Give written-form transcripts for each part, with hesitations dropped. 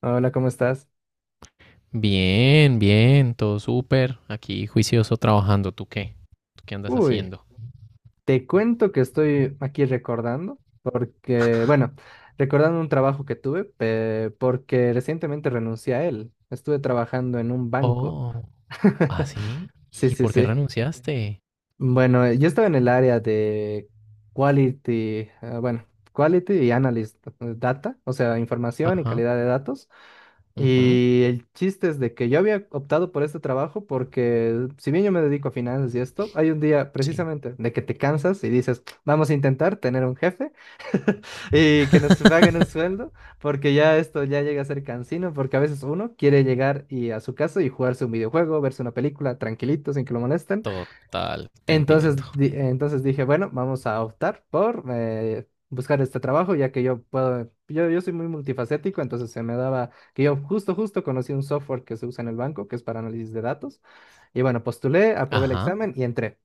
Hola, ¿cómo estás? Bien, bien, todo súper. Aquí juicioso trabajando. ¿Tú qué andas Uy, haciendo? te cuento que estoy aquí recordando, porque, bueno, recordando un trabajo que tuve, porque recientemente renuncié a él. Estuve trabajando en un banco. Oh, ¿ah, sí? Sí, ¿Y sí, por qué sí. renunciaste? Bueno, yo estaba en el área de quality, eh, bueno, quality y analyst data, o sea, información y Ajá, calidad de datos. ujú, Y el chiste es de que yo había optado por este trabajo porque si bien yo me dedico a finanzas y esto, hay un día sí. precisamente de que te cansas y dices, vamos a intentar tener un jefe y que nos paguen un sueldo, porque ya esto ya llega a ser cansino, porque a veces uno quiere llegar y a su casa y jugarse un videojuego, verse una película tranquilito, sin que lo molesten. Total, te Entonces, entiendo. Entonces dije, bueno, vamos a optar por buscar este trabajo, ya que yo puedo, yo soy muy multifacético, entonces se me daba que yo justo conocí un software que se usa en el banco, que es para análisis de datos. Y bueno, postulé, aprobé el Ajá. examen y entré.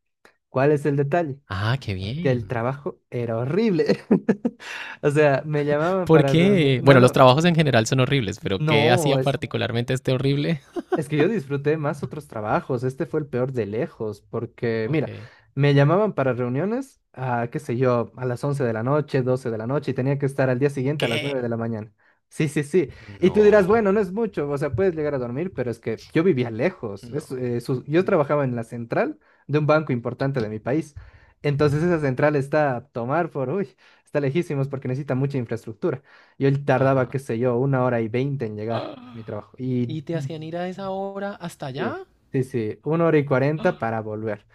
¿Cuál es el detalle? Ah, qué Que el bien. trabajo era horrible. O sea, me llamaban ¿Por para reunir. qué? No, Bueno, los no, trabajos en general son horribles, pero ¿qué no, hacía particularmente este horrible? es que yo disfruté más otros trabajos, este fue el peor de lejos, porque Ok. mira, me llamaban para reuniones a, qué sé yo, a las 11 de la noche, 12 de la noche, y tenía que estar al día siguiente a las 9 ¿Qué? de la mañana. Sí, sí, sí. Y tú dirás, No, bueno, no es mucho, o sea, puedes llegar a dormir, pero es que yo vivía lejos. no, Yo no. trabajaba en la central de un banco importante de mi país. Entonces esa central está a tomar por, uy, está lejísimos porque necesita mucha infraestructura. Yo tardaba, Ajá. qué sé yo, 1 hora y 20 en llegar a mi Ah, trabajo. Y ¿y te hacían ir a esa hora hasta sí, allá? sí, sí, 1 hora y 40 para volver.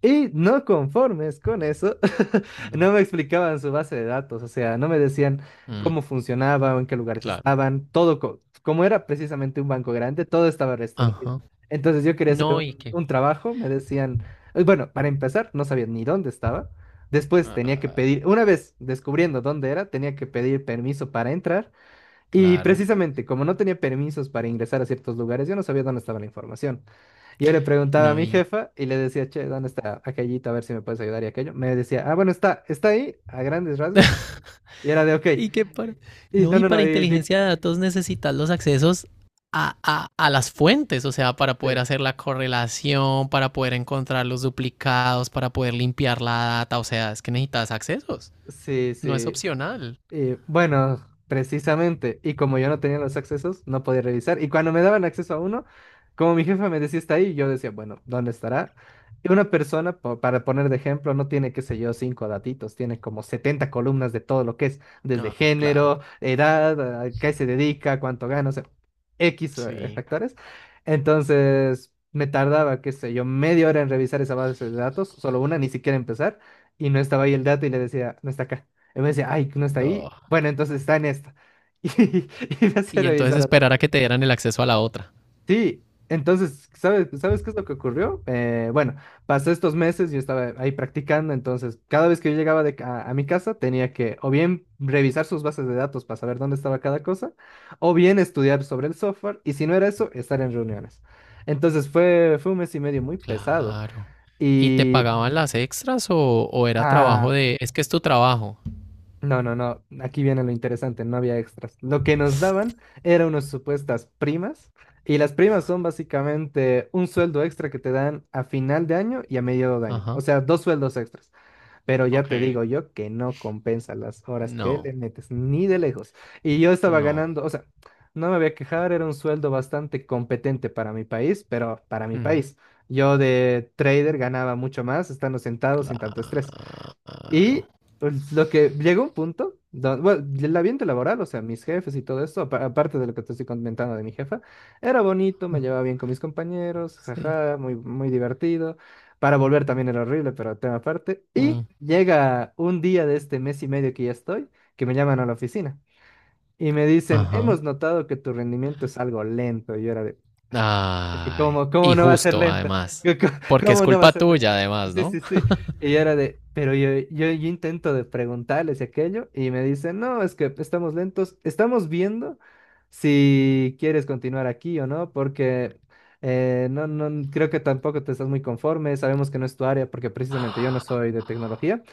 Y no conformes con eso, No. no me explicaban su base de datos, o sea, no me decían Mm, cómo funcionaba, en qué lugares claro. estaban, todo, como era precisamente un banco grande, todo estaba restringido. Ajá. Entonces yo quería hacer No, y un, que. un trabajo, me decían, bueno, para empezar, no sabía ni dónde estaba. Después tenía que Ah, pedir, una vez descubriendo dónde era, tenía que pedir permiso para entrar. Y claro. precisamente, como no tenía permisos para ingresar a ciertos lugares, yo no sabía dónde estaba la información. Yo le preguntaba a No, mi y. jefa y le decía, che, ¿dónde está aquellito? A ver si me puedes ayudar y aquello. Me decía, ah, bueno, está, está ahí, a grandes rasgos. Y era de, ok. Y que para. Y No, no, y no, para no, inteligencia de datos necesitas los accesos a, las fuentes, o sea, para poder sí, hacer la correlación, para poder encontrar los duplicados, para poder limpiar la data. O sea, es que necesitas accesos. sí, No es sí. opcional. Y bueno, precisamente, y como yo no tenía los accesos, no podía revisar. Y cuando me daban acceso a uno, como mi jefa me decía está ahí, yo decía, bueno, ¿dónde estará? Y una persona, para poner de ejemplo, no tiene, qué sé yo, cinco datitos, tiene como 70 columnas de todo lo que es, desde Ah, claro. género, edad, a qué se dedica, cuánto gana, o sea, X Sí. factores. Entonces, me tardaba, qué sé yo, media hora en revisar esa base de datos, solo una, ni siquiera empezar, y no estaba ahí el dato y le decía, no está acá. Y me decía, ay, que no está Duh. ahí. Bueno, entonces está en esta. Y, y me hacía Y entonces revisar atrás. esperar a que te dieran el acceso a la otra. Sí, entonces, ¿sabes qué es lo que ocurrió? Bueno, pasé estos meses, yo estaba ahí practicando, entonces cada vez que yo llegaba a mi casa tenía que o bien revisar sus bases de datos para saber dónde estaba cada cosa, o bien estudiar sobre el software, y si no era eso, estar en reuniones. Entonces fue un mes y medio muy pesado. Claro. ¿Y te Y, pagaban las extras o era trabajo ah, de... Es que es tu trabajo. no, no, no. Aquí viene lo interesante, no había extras. Lo que nos daban eran unas supuestas primas, y las primas son básicamente un sueldo extra que te dan a final de año y a medio de año. Ajá. O sea, dos sueldos extras. Pero ya te Ok. digo yo que no compensa las horas que No, le metes, ni de lejos. Y yo estaba no. ganando, o sea, no me voy a quejar, era un sueldo bastante competente para mi país, pero para mi Ujú. país. Yo de trader ganaba mucho más estando sentado sin tanto estrés. Claro. Y pues, lo que llegó un punto, bueno, el ambiente laboral, o sea, mis jefes y todo esto, aparte de lo que te estoy comentando de mi jefa, era bonito, me Ah. llevaba bien con mis compañeros, Sí. jaja, muy, muy divertido. Para volver también era horrible, pero tema aparte. Y Mm. llega un día de este mes y medio que ya estoy, que me llaman a la oficina y me dicen, Ajá. hemos notado que tu rendimiento es algo lento. Y yo era de, es que Ay. cómo, cómo Y no va a ser justo, lenta, además. ¿cómo, Porque es cómo no va a culpa ser lenta? tuya, además, Sí, ¿no? sí, sí. Y yo era de, pero yo intento de preguntarles y aquello y me dicen, no, es que estamos lentos, estamos viendo si quieres continuar aquí o no, porque no, no, creo que tampoco te estás muy conforme, sabemos que no es tu área, porque precisamente yo no soy de tecnología.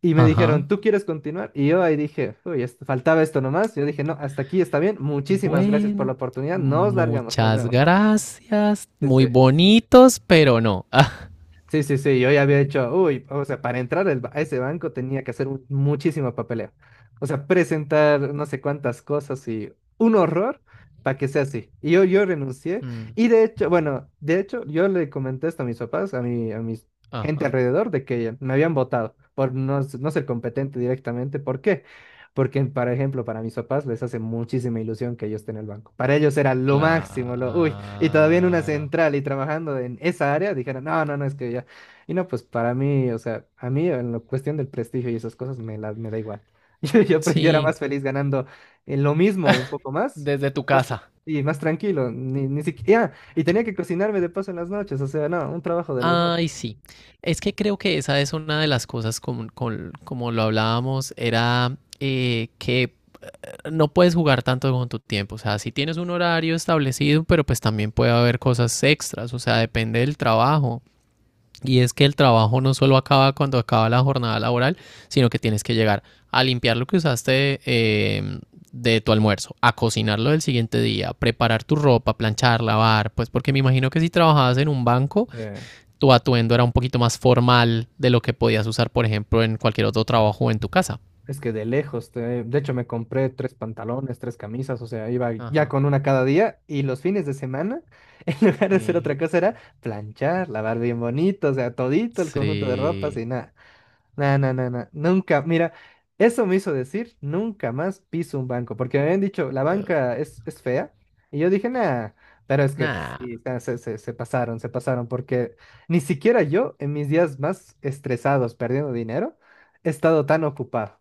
Y me Ajá. dijeron, ¿tú quieres continuar? Y yo ahí dije, uy, faltaba esto nomás. Yo dije, no, hasta aquí está bien, muchísimas gracias por la Bueno. oportunidad, nos largamos, nos Muchas vemos. gracias. Sí, sí. Muy bonitos, pero no. Sí, sí, sí, yo ya había hecho, uy, o sea, para entrar al a ese banco tenía que hacer muchísimo papeleo. O sea, presentar no sé cuántas cosas y un horror para que sea así. Y yo renuncié. Ah. Mm. Y de hecho, bueno, de hecho, yo le comenté esto a mis papás, a mis gente Ajá. alrededor, de que me habían votado por no ser competente directamente. ¿Por qué? Porque, por ejemplo, para mis papás les hace muchísima ilusión que yo esté en el banco. Para ellos era lo máximo, lo, uy. Y todavía en una Claro. central y trabajando en esa área, dijeron, no, no, no, es que ya. Y no, pues para mí, o sea, a mí en la cuestión del prestigio y esas cosas me, la, me da igual. Yo era Sí, más feliz ganando en lo mismo, un poco más, desde tu casa. y más tranquilo, ni siquiera. Y tenía que cocinarme de paso en las noches, o sea, no, un trabajo de los dos. Ay, sí. Es que creo que esa es una de las cosas como, como lo hablábamos, era que no puedes jugar tanto con tu tiempo. O sea, si tienes un horario establecido, pero pues también puede haber cosas extras. O sea, depende del trabajo. Y es que el trabajo no solo acaba cuando acaba la jornada laboral, sino que tienes que llegar a limpiar lo que usaste, em, de tu almuerzo, a cocinarlo del siguiente día, preparar tu ropa, planchar, lavar. Pues porque me imagino que si trabajabas en un banco Sí. tu atuendo era un poquito más formal de lo que podías usar, por ejemplo, en cualquier otro trabajo o en tu casa. Es que de lejos, de hecho me compré tres pantalones, tres camisas, o sea, iba ya Ajá. con una cada día y los fines de semana, en lugar de hacer Sí. otra cosa, era planchar, lavar bien bonito, o sea, todito el conjunto de ropas Sí. y nada. No, no, no, no, nunca, mira, eso me hizo decir, nunca más piso un banco, porque me habían dicho, la banca es fea, y yo dije, nada, pero es que Nada. sí, se pasaron, se pasaron, porque ni siquiera yo, en mis días más estresados perdiendo dinero, he estado tan ocupado,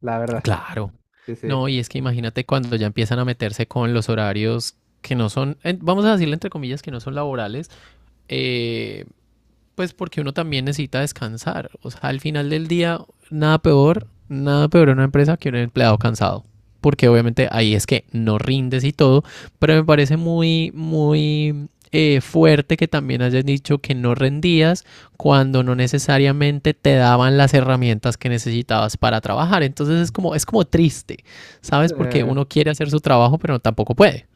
la verdad, Claro. sí, sí. No, y es que imagínate cuando ya empiezan a meterse con los horarios que no son, vamos a decirle entre comillas, que no son laborales, eh, pues porque uno también necesita descansar. O sea, al final del día, nada peor, nada peor en una empresa que un empleado cansado. Porque obviamente ahí es que no rindes y todo, pero me parece muy, muy fuerte que también hayas dicho que no rendías cuando no necesariamente te daban las herramientas que necesitabas para trabajar. Entonces es como triste, ¿sabes? Porque Eh, uno quiere hacer su trabajo, pero tampoco puede.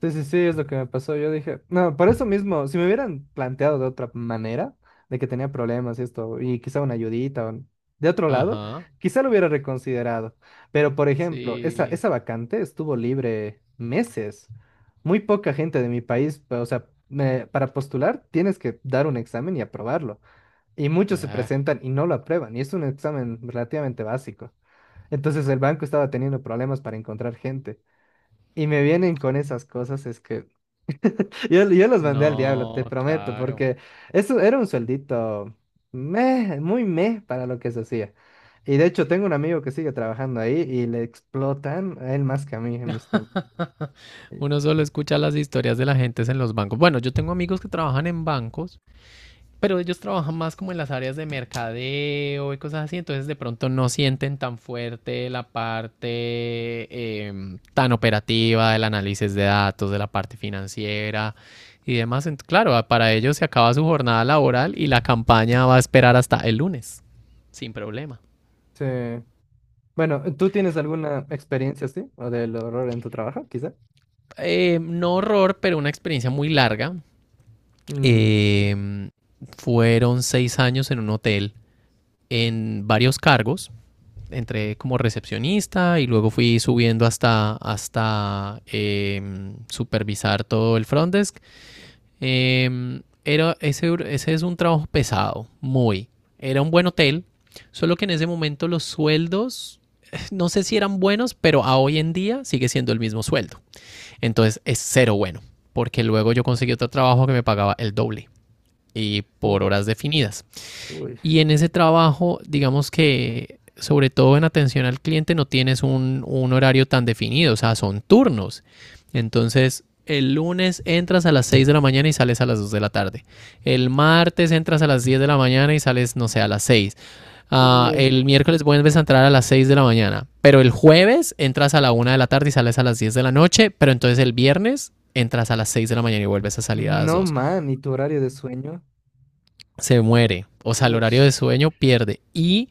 Sí, sí, sí, es lo que me pasó. Yo dije, no, por eso mismo, si me hubieran planteado de otra manera, de que tenía problemas y esto, y quizá una ayudita o de otro lado, Ajá, quizá lo hubiera reconsiderado. Pero, por ejemplo, esa, sí. esa vacante estuvo libre meses. Muy poca gente de mi país, o sea, para postular tienes que dar un examen y aprobarlo. Y muchos se Ah, presentan y no lo aprueban, y es un examen relativamente básico. Entonces el banco estaba teniendo problemas para encontrar gente. Y me vienen con esas cosas, es que. Yo los mandé al diablo, te no, prometo, claro. porque eso era un sueldito meh, muy meh para lo que se hacía. Y de hecho, tengo un amigo que sigue trabajando ahí y le explotan a él más que a mí en mis tiempos. Uno solo escucha las historias de la gente en los bancos. Bueno, yo tengo amigos que trabajan en bancos, pero ellos trabajan más como en las áreas de mercadeo y cosas así, entonces de pronto no sienten tan fuerte la parte tan operativa del análisis de datos, de la parte financiera y demás. Claro, para ellos se acaba su jornada laboral y la campaña va a esperar hasta el lunes, sin problema. Sí. Bueno, ¿tú tienes alguna experiencia así? ¿O del horror en tu trabajo, quizá? No horror, pero una experiencia muy larga. Mm, Eh, Fueron 6 años en un hotel en varios cargos. Entré como recepcionista y luego fui subiendo hasta supervisar todo el front desk. Ese es un trabajo pesado, muy. Era un buen hotel, solo que en ese momento los sueldos, no sé si eran buenos, pero a hoy en día sigue siendo el mismo sueldo. Entonces es cero bueno, porque luego yo conseguí otro trabajo que me pagaba el doble y por uf, horas definidas. uy, Y en ese trabajo, digamos que sobre todo en atención al cliente no tienes un horario tan definido, o sea, son turnos. Entonces, el lunes entras a las 6 de la mañana y sales a las 2 de la tarde. El martes entras a las 10 de la mañana y sales, no sé, a las 6. Uy. El miércoles vuelves a entrar a las 6 de la mañana. Pero el jueves entras a la 1 de la tarde y sales a las 10 de la noche. Pero entonces el viernes entras a las 6 de la mañana y vuelves a salir a las No, 2. man, ¿y tu horario de sueño? Se muere, o sea, el Uy, horario de sueño pierde. Y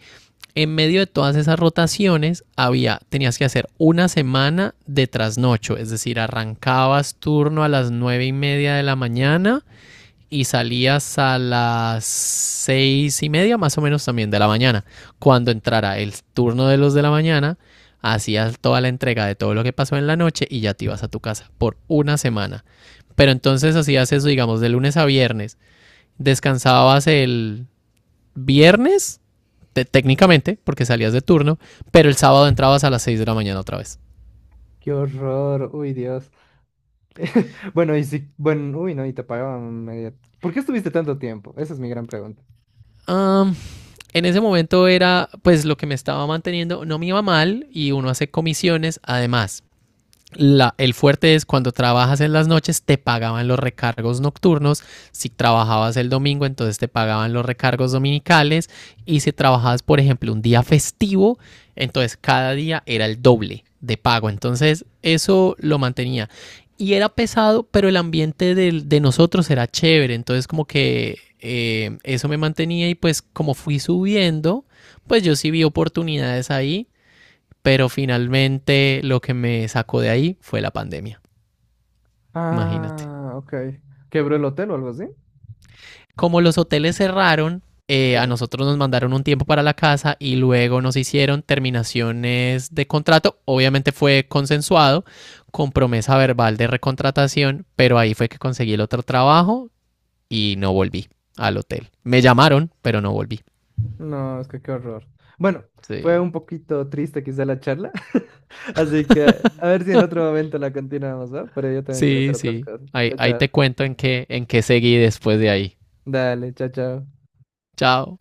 en medio de todas esas rotaciones había, tenías que hacer una semana de trasnocho, es decir, arrancabas turno a las 9:30 de la mañana y salías a las 6:30 más o menos también de la mañana. Cuando entrara el turno de los de la mañana, hacías toda la entrega de todo lo que pasó en la noche y ya te ibas a tu casa por una semana. Pero entonces hacías eso, digamos, de lunes a viernes. Descansabas el viernes, técnicamente, porque salías de turno, pero el sábado entrabas a las 6 de la mañana otra vez. qué horror, uy, Dios. Bueno, y si, bueno, uy, no, y te pagaban media. ¿Por qué estuviste tanto tiempo? Esa es mi gran pregunta. Am, en ese momento era pues lo que me estaba manteniendo, no me iba mal y uno hace comisiones además. El fuerte es cuando trabajas en las noches, te pagaban los recargos nocturnos. Si trabajabas el domingo, entonces te pagaban los recargos dominicales. Y si trabajabas, por ejemplo, un día festivo, entonces cada día era el doble de pago. Entonces eso lo mantenía. Y era pesado, pero el ambiente de nosotros era chévere. Entonces como que eso me mantenía y pues como fui subiendo, pues yo sí vi oportunidades ahí pero finalmente lo que me sacó de ahí fue la pandemia, imagínate. Ah, ok. ¿Quebró el hotel o algo así? Como los hoteles cerraron, a Sí. nosotros nos mandaron un tiempo para la casa y luego nos hicieron terminaciones de contrato. Obviamente fue consensuado con promesa verbal de recontratación, pero ahí fue que conseguí el otro trabajo y no volví al hotel. Me llamaron, pero no volví. No, es que qué horror. Bueno, fue Sí, un poquito triste quizá la charla, así que a ver si en otro momento la continuamos, ¿va? Pero yo también quiero sí, hacer otras sí. cosas. Ahí, Chao, ahí chao. te cuento en qué seguí después de ahí. Dale, chao, chao. Chao.